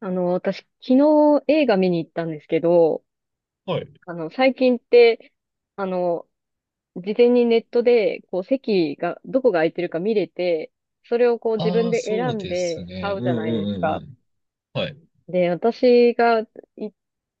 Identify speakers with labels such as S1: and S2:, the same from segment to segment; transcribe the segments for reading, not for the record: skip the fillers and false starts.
S1: 私、昨日映画見に行ったんですけど、
S2: はい。
S1: 最近って、あの、事前にネットで、こう、席が、どこが空いてるか見れて、それをこう、自
S2: あ
S1: 分
S2: あ、
S1: で
S2: そ
S1: 選
S2: う
S1: ん
S2: です
S1: で買
S2: ね。
S1: う
S2: うん
S1: じゃ
S2: う
S1: ないで
S2: ん
S1: す
S2: うんう
S1: か。
S2: ん。はい。
S1: で、私が、い、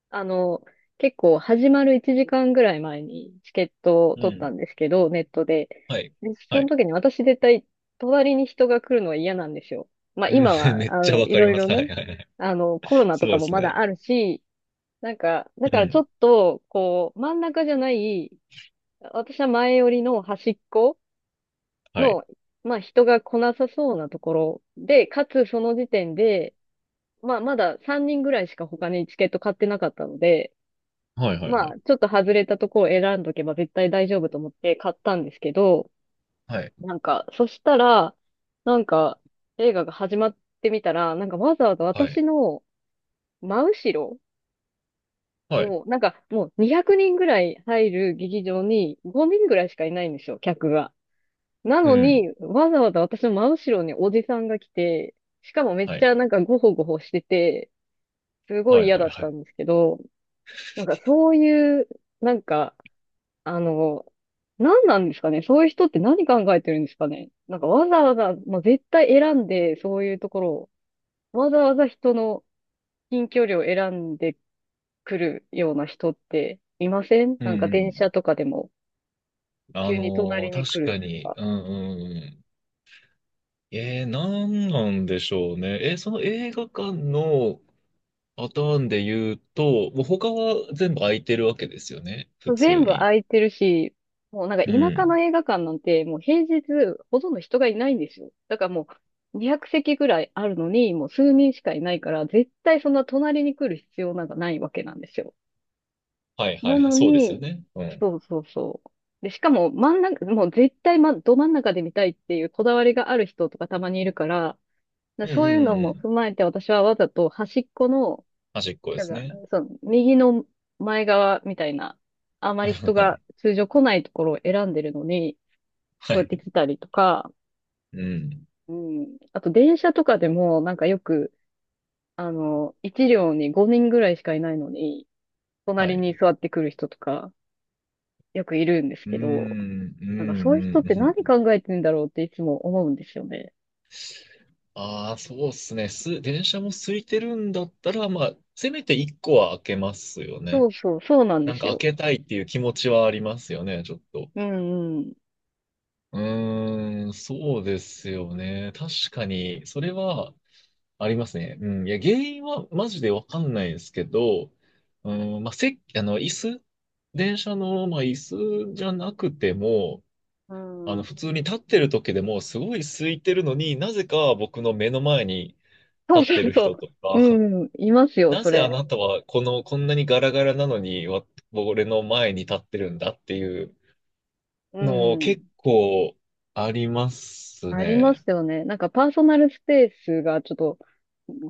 S1: あの、結構、始まる1時間ぐらい前にチケットを
S2: う
S1: 取った
S2: ん。
S1: んですけど、ネットで。
S2: はい。
S1: で、
S2: は
S1: その
S2: い。
S1: 時に私絶対、隣に人が来るのは嫌なんですよ。まあ、
S2: うん、
S1: 今 は、
S2: めっちゃわ
S1: い
S2: かり
S1: ろい
S2: ま
S1: ろ
S2: す。はい
S1: ね、
S2: はいはい。
S1: コロナ
S2: そ
S1: と
S2: う
S1: か
S2: で
S1: も
S2: す
S1: まだ
S2: ね。
S1: あるし、なんか、だ
S2: う
S1: からちょ
S2: ん。
S1: っと、こう、真ん中じゃない、私は前寄りの端っこ
S2: はい。
S1: の、まあ人が来なさそうなところで、かつその時点で、まあまだ3人ぐらいしか他にチケット買ってなかったので、
S2: はいはいは
S1: ま
S2: い。
S1: あちょっと外れたところを選んどけば絶対大丈夫と思って買ったんですけど、
S2: はい。
S1: なんか、そしたら、なんか映画が始まってみたら、なんかわざわざ
S2: は
S1: 私
S2: い。
S1: の真後ろ
S2: はい。
S1: を、なんかもう200人ぐらい入る劇場に5人ぐらいしかいないんですよ、客が。な
S2: う
S1: の
S2: ん。
S1: に、わざわざ私の真後ろにおじさんが来て、しかもめっ
S2: は
S1: ち
S2: い。
S1: ゃなんかゴホゴホしてて、すご
S2: は
S1: い
S2: い
S1: 嫌
S2: はい
S1: だっ
S2: は
S1: た
S2: い。
S1: んですけど、なんかそういう、なんか、あの、何なんですかね、そういう人って何考えてるんですかね。なんかわざわざ、まあ、絶対選んで、そういうところを、わざわざ人の近距離を選んで来るような人っていません。
S2: う
S1: な
S2: ん
S1: んか
S2: う
S1: 電車
S2: ん。
S1: とかでも急に隣に
S2: 確
S1: 来る
S2: か
S1: 人と
S2: に。
S1: か。
S2: うんうんうん。なんなんでしょうね。その映画館のパターンで言うと、もう他は全部空いてるわけですよね。普
S1: 全
S2: 通
S1: 部
S2: に。
S1: 空いてるし、もうなんか田
S2: う
S1: 舎の
S2: ん。
S1: 映画館なんてもう平日ほとんど人がいないんですよ。だからもう200席ぐらいあるのにもう数人しかいないから絶対そんな隣に来る必要なんかないわけなんですよ。
S2: はいは
S1: な
S2: いはい。
S1: の
S2: そうですよ
S1: に、
S2: ね。うん。
S1: そうそうそう。で、しかも真ん中、もう絶対、ま、ど真ん中で見たいっていうこだわりがある人とかたまにいるから、
S2: うんうん
S1: そういう
S2: うん
S1: の
S2: う
S1: も
S2: ん。
S1: 踏まえて、私はわざと端っこの、
S2: 端っこで
S1: なん
S2: す
S1: か、
S2: ね。
S1: その、右の前側みたいな、あまり人
S2: は
S1: が
S2: い。
S1: 通常来ないところを選んでるのに、
S2: は
S1: そうやって
S2: い。
S1: 来たりとか、
S2: うん。
S1: うん。あと、電車とかでも、なんかよく、一両に5人ぐらいしかいないのに、
S2: は
S1: 隣に
S2: い。
S1: 座ってくる人とか、よくいるんです
S2: うーん、
S1: けど、
S2: う
S1: なんかそういう
S2: ん、
S1: 人っ
S2: う
S1: て何
S2: ん。
S1: 考えてんだろうっていつも思うんですよね。
S2: ああ、そうっすね。電車も空いてるんだったら、まあ、せめて一個は開けますよ
S1: そ
S2: ね。
S1: うそう、そうなんで
S2: なんか
S1: す
S2: 開
S1: よ。
S2: けたいっていう気持ちはありますよね、ちょっと。
S1: うんうん。
S2: うーん、そうですよね。確かに、それはありますね。うん。いや、原因はマジでわかんないですけど、うん、まあ、せあの、椅子、電車の、まあ、椅子じゃなくても、
S1: うん。
S2: 普通に立ってる時でも、すごい空いてるのになぜか僕の目の前に
S1: そう
S2: 立っ
S1: そ
S2: て
S1: う
S2: る
S1: そ
S2: 人と
S1: う。
S2: か、
S1: うん、います よ、
S2: な
S1: そ
S2: ぜあ
S1: れ。
S2: なたはこの、こんなにガラガラなのに、俺の前に立ってるんだっていう
S1: う
S2: の
S1: ん。
S2: 結構あります
S1: ありま
S2: ね。
S1: すよね。なんかパーソナルスペースがちょっと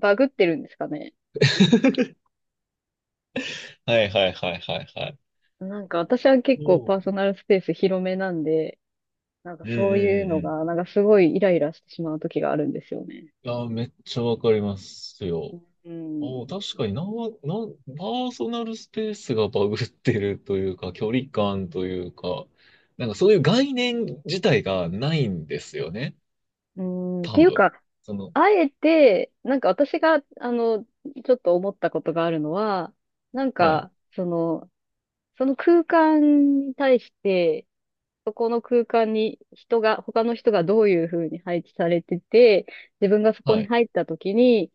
S1: バグってるんですかね。
S2: はいはいはいはいはい。
S1: なんか私は結
S2: そ
S1: 構パー
S2: う
S1: ソナルスペース広めなんで、なんか
S2: うんうん
S1: そういう
S2: うん
S1: の
S2: うん。
S1: が、なんかすごいイライラしてしまう時があるんですよね。
S2: いや、めっちゃわかりますよ。
S1: うん。
S2: ああ、確かにパーソナルスペースがバグってるというか、距離感というか、なんかそういう概念自体がないんですよね。
S1: うん、って
S2: 多
S1: いう
S2: 分。
S1: か、
S2: その、
S1: あえて、なんか私が、ちょっと思ったことがあるのは、なん
S2: はい、
S1: か、その空間に対して、そこの空間に人が、他の人がどういうふうに配置されてて、自分がそこ
S2: は
S1: に
S2: い。
S1: 入った時に、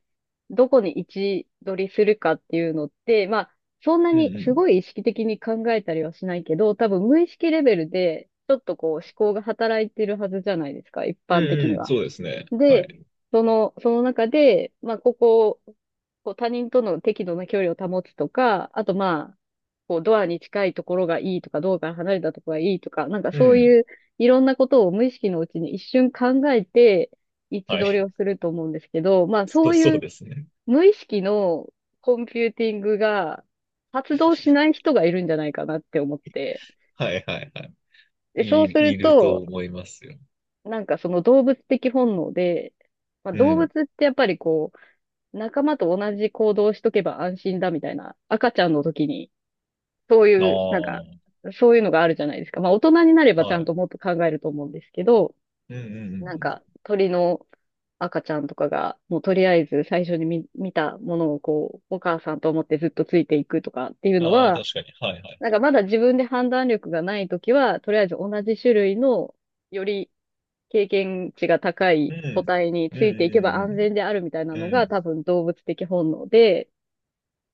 S1: どこに位置取りするかっていうのって、まあ、そんな
S2: うん
S1: に
S2: う
S1: す
S2: ん。
S1: ごい意識的に考えたりはしないけど、多分無意識レベルで、ちょっとこう思考が働いてるはずじゃないですか、一
S2: う
S1: 般
S2: ん
S1: 的に
S2: うん、
S1: は。
S2: そうですね。は
S1: で、
S2: い。
S1: その中で、まあ、ここを、こう他人との適度な距離を保つとか、あとまあ、に近いところがいいとか、道から離れたところがいいとか、なんか
S2: う
S1: そう
S2: ん、
S1: いういろんなことを無意識のうちに一瞬考えて位置
S2: は
S1: 取り
S2: い。
S1: をすると思うんですけど、ま あそ
S2: そう、
S1: う
S2: そ
S1: い
S2: う
S1: う
S2: ですね。
S1: 無意識のコンピューティングが発動しない人がいるんじゃないかなって思って。
S2: はい、はい、はい。
S1: で、そうする
S2: いると
S1: と、
S2: 思いますよ。
S1: なんかその動物的本能で、まあ、
S2: う
S1: 動物
S2: ん。
S1: ってやっぱりこう、仲間と同じ行動をしとけば安心だみたいな、赤ちゃんの時にそう
S2: あ
S1: いう、なんか、
S2: あ、
S1: そういうのがあるじゃないですか。まあ、大人になればち
S2: は
S1: ゃん
S2: い。
S1: ともっと考えると思うんですけど、
S2: うんうんうんう
S1: なん
S2: ん。
S1: か、鳥の赤ちゃんとかが、もうとりあえず最初に見たものをこう、お母さんと思ってずっとついていくとかっていうの
S2: ああ、
S1: は、
S2: 確かに。はい、はい。
S1: なんかまだ自分で判断力がないときは、とりあえず同じ種類の、より経験値が高
S2: う
S1: い個
S2: ん。
S1: 体に
S2: うんう
S1: ついていけば
S2: ん
S1: 安全であるみたいな
S2: うんう
S1: の
S2: ん。う
S1: が
S2: ん。
S1: 多分動物的本能で、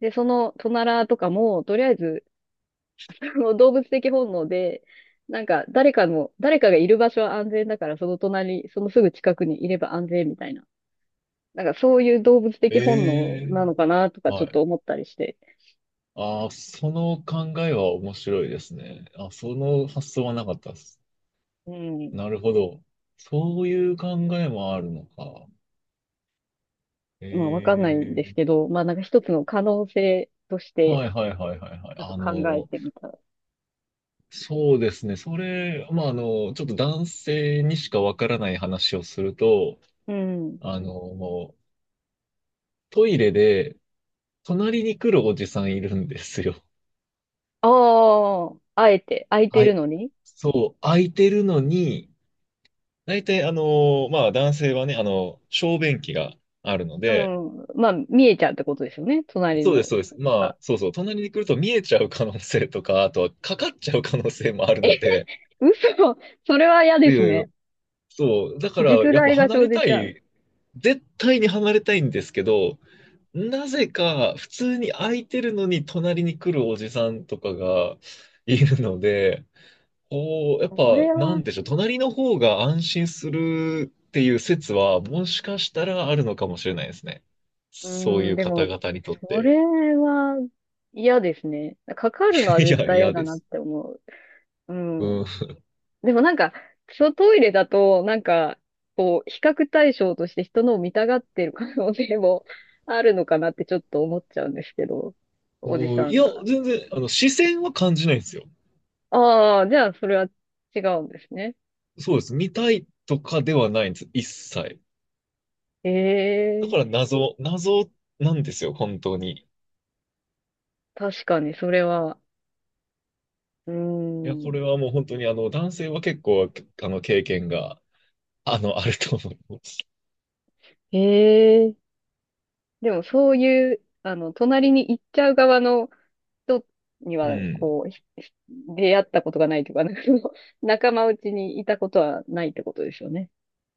S1: で、そのトナラとかも、とりあえずもう動物的本能で、なんか誰かの、誰かがいる場所は安全だから、その隣、そのすぐ近くにいれば安全みたいな。なんかそういう動物
S2: え
S1: 的本能な
S2: え
S1: のかなとかちょっ
S2: は
S1: と
S2: い。
S1: 思ったりして。
S2: ああ、その考えは面白いですね。あ、その発想はなかったです。
S1: うん。
S2: なるほど。そういう考えもあるのか。
S1: まあわかんないんです
S2: え
S1: け
S2: え
S1: ど、まあなんか一つの可能性とし
S2: はい
S1: て、
S2: はいはいはいはい。
S1: ちょっと考えてみた。
S2: そうですね。それ、まあ、ちょっと男性にしかわからない話をすると、
S1: うん。
S2: もうトイレで隣に来るおじさんいるんですよ。
S1: ああ、あえて、空いて
S2: は
S1: るの
S2: い。
S1: に。
S2: そう、空いてるのに、大体、まあ、男性はね、小便器があるの
S1: う
S2: で、
S1: ん。まあ見えちゃうってことですよね。隣
S2: そうで
S1: の
S2: す、そう
S1: 人
S2: です。
S1: と
S2: まあ、
S1: か。
S2: そうそう、隣に来ると見えちゃう可能性とか、あとはかかっちゃう可能性もあるので、
S1: 嘘 それは嫌
S2: い
S1: です
S2: やいや、
S1: ね。
S2: そう、だから、
S1: 実
S2: やっぱ
S1: 害が
S2: 離
S1: 生
S2: れ
S1: じ
S2: た
S1: ちゃう。
S2: い、絶対に離れたいんですけど、なぜか、普通に空いてるのに隣に来るおじさんとかがいるので、おーやっ
S1: そ
S2: ぱ、
S1: れ
S2: な
S1: は
S2: んでしょう、隣の方が安心するっていう説は、もしかしたらあるのかもしれないですね。
S1: う
S2: そう
S1: ー
S2: い
S1: ん、
S2: う
S1: で
S2: 方
S1: も、
S2: 々にとっ
S1: そ
S2: て。
S1: れは嫌ですね。かかるのは
S2: い
S1: 絶
S2: や、
S1: 対嫌
S2: 嫌
S1: だ
S2: で
S1: なっ
S2: す。
S1: て思う。う
S2: う
S1: ん。
S2: ん。
S1: でもなんか、そうトイレだと、なんか、こう、比較対象として人のを見たがってる可能性も あるのかなってちょっと思っちゃうんですけど、おじ
S2: お
S1: さ
S2: ーい
S1: ん
S2: や、
S1: が。
S2: 全然、視線は感じないんですよ。
S1: ああ、じゃあそれは違うんですね。
S2: そうです。見たいとかではないんです。一切。
S1: え
S2: だ
S1: え、
S2: から謎なんですよ、本当に。い
S1: 確かにそれは、うー
S2: や、こ
S1: ん。
S2: れはもう本当に、男性は結構、経験が、あると思います。
S1: ええ、でもそういう、隣に行っちゃう側の、人に
S2: う
S1: は、
S2: ん。
S1: こう、出会ったことがないというか、なんかその仲間内にいたことはないってことですよね。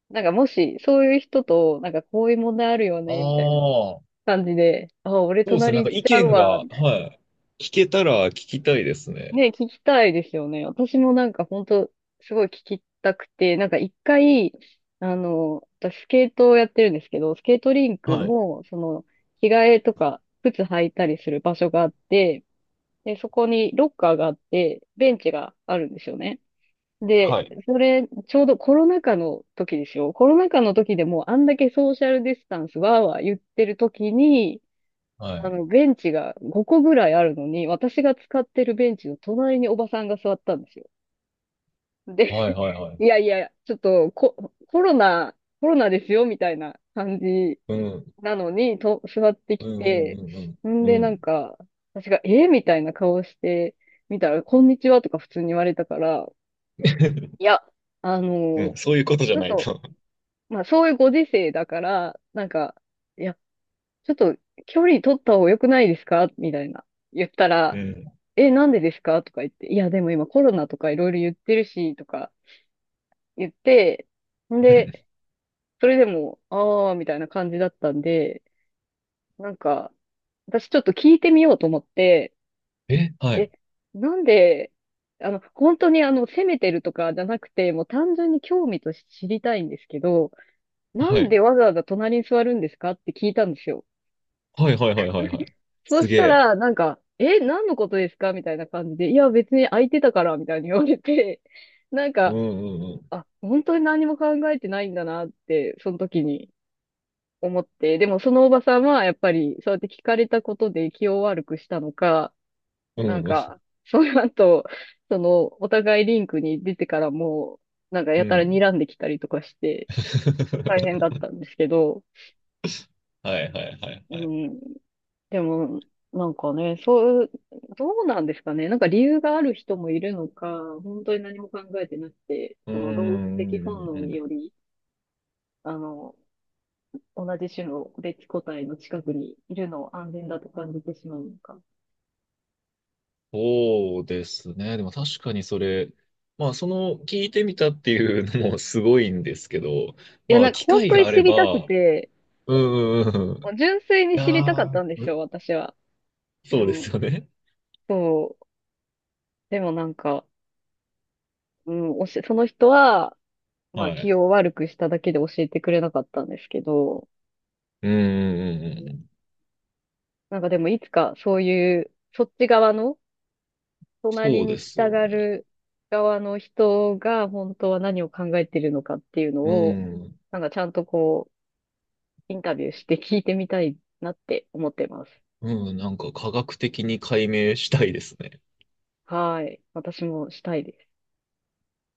S1: なんかもし、そういう人と、なんかこういう問題あるよ
S2: あ
S1: ね、みたいな
S2: あ。
S1: 感じで、あ、俺
S2: そうですね。
S1: 隣
S2: なんか
S1: 行っち
S2: 意
S1: ゃう
S2: 見
S1: わ、
S2: が、
S1: みたいな。
S2: はい。聞けたら聞きたいですね。
S1: ね、聞きたいですよね。私もなんか本当すごい聞きたくて、なんか一回、私スケートをやってるんですけど、スケートリンク
S2: はい。
S1: も、その、着替えとか、靴履いたりする場所があって、で、そこにロッカーがあって、ベンチがあるんですよね。で、
S2: はい。
S1: それ、ちょうどコロナ禍の時ですよ。コロナ禍の時でもうあんだけソーシャルディスタンスわーわー言ってる時に、
S2: はい。
S1: ベンチが5個ぐらいあるのに、私が使ってるベンチの隣におばさんが座ったんですよ。で、
S2: はいはい
S1: い
S2: は
S1: やいや、ちょっとコロナ、コロナですよ、みたいな感じ
S2: い。うん。
S1: なのに、と、座ってき
S2: うん
S1: て、
S2: うん
S1: ん
S2: うんう
S1: で、
S2: ん。う
S1: なん
S2: ん。
S1: か、私が、えみたいな顔して見たら、こんにちはとか普通に言われたから、いや、あの
S2: う
S1: ー
S2: ん、そういうことじ
S1: ち
S2: ゃ
S1: ょっ
S2: ない
S1: と、
S2: と。
S1: まあ、そういうご時世だから、なんか、いや、ちょっと、距離取った方が良くないですかみたいな、言った
S2: う
S1: ら、
S2: ん。
S1: え、なんでですかとか言って、いや、でも今コロナとかいろいろ言ってるし、とか言って、んで、それでも、あー、みたいな感じだったんで、なんか、私ちょっと聞いてみようと思って、
S2: え、はい。
S1: え、なんで、本当にあの、責めてるとかじゃなくて、もう単純に興味として知りたいんですけど、な
S2: は
S1: ん
S2: い。
S1: でわざわざ隣に座るんですかって聞いたんですよ。
S2: はいはいはいはいはい。
S1: そう
S2: す
S1: し
S2: げ
S1: た
S2: え。
S1: ら、なんか、え、何のことですかみたいな感じで、いや、別に空いてたから、みたいに言われて、なん
S2: う
S1: か、
S2: んうんうん。
S1: あ、本当に何も考えてないんだなって、その時に思って、でもそのおばさんは、やっぱり、そうやって聞かれたことで気を悪くしたのか、
S2: うん
S1: なん
S2: うん。
S1: か、その後、その、お互いリンクに出てからもう、なんか
S2: う
S1: やたら
S2: ん
S1: 睨んできたりとかして、大変だっ たんですけど、
S2: はいはいはい
S1: う
S2: はい。
S1: ん、でも、なんかね、そう、どうなんですかね。なんか理由がある人もいるのか、本当に何も考えてなくて、
S2: うん
S1: その動物
S2: うんうん
S1: 的本能
S2: う
S1: によ
S2: ん。
S1: り、あの、同じ種の別個体の近くにいるのを安全だと感じてしまうのか。
S2: そうですね。でも確かにそれ、まあその聞いてみたっていうのもすごいんですけど、
S1: いや、
S2: ま
S1: な
S2: あ
S1: んか
S2: 機
S1: 本
S2: 会
S1: 当に
S2: があ
S1: 知
S2: れ
S1: りたく
S2: ば、
S1: て、
S2: うんうんうんうん。い
S1: 純粋に知りたかっ
S2: や
S1: たんで
S2: ー、
S1: すよ、私は。う
S2: そうです
S1: ん。
S2: よね。
S1: そう。でもなんか、うん、その人は、まあ
S2: は
S1: 気
S2: い。
S1: を悪くしただけで教えてくれなかったんですけど、
S2: うんうんうんうん。
S1: なんかでもいつかそういう、そっち側の、隣
S2: そうで
S1: に来
S2: す
S1: た
S2: よ
S1: が
S2: ね。
S1: る側の人が本当は何を考えてるのかっていうの
S2: う
S1: を、
S2: ん。
S1: なんかちゃんとこう、インタビューして聞いてみたいなって思ってます。
S2: うん、なんか科学的に解明したいですね。
S1: はい。私もしたいです。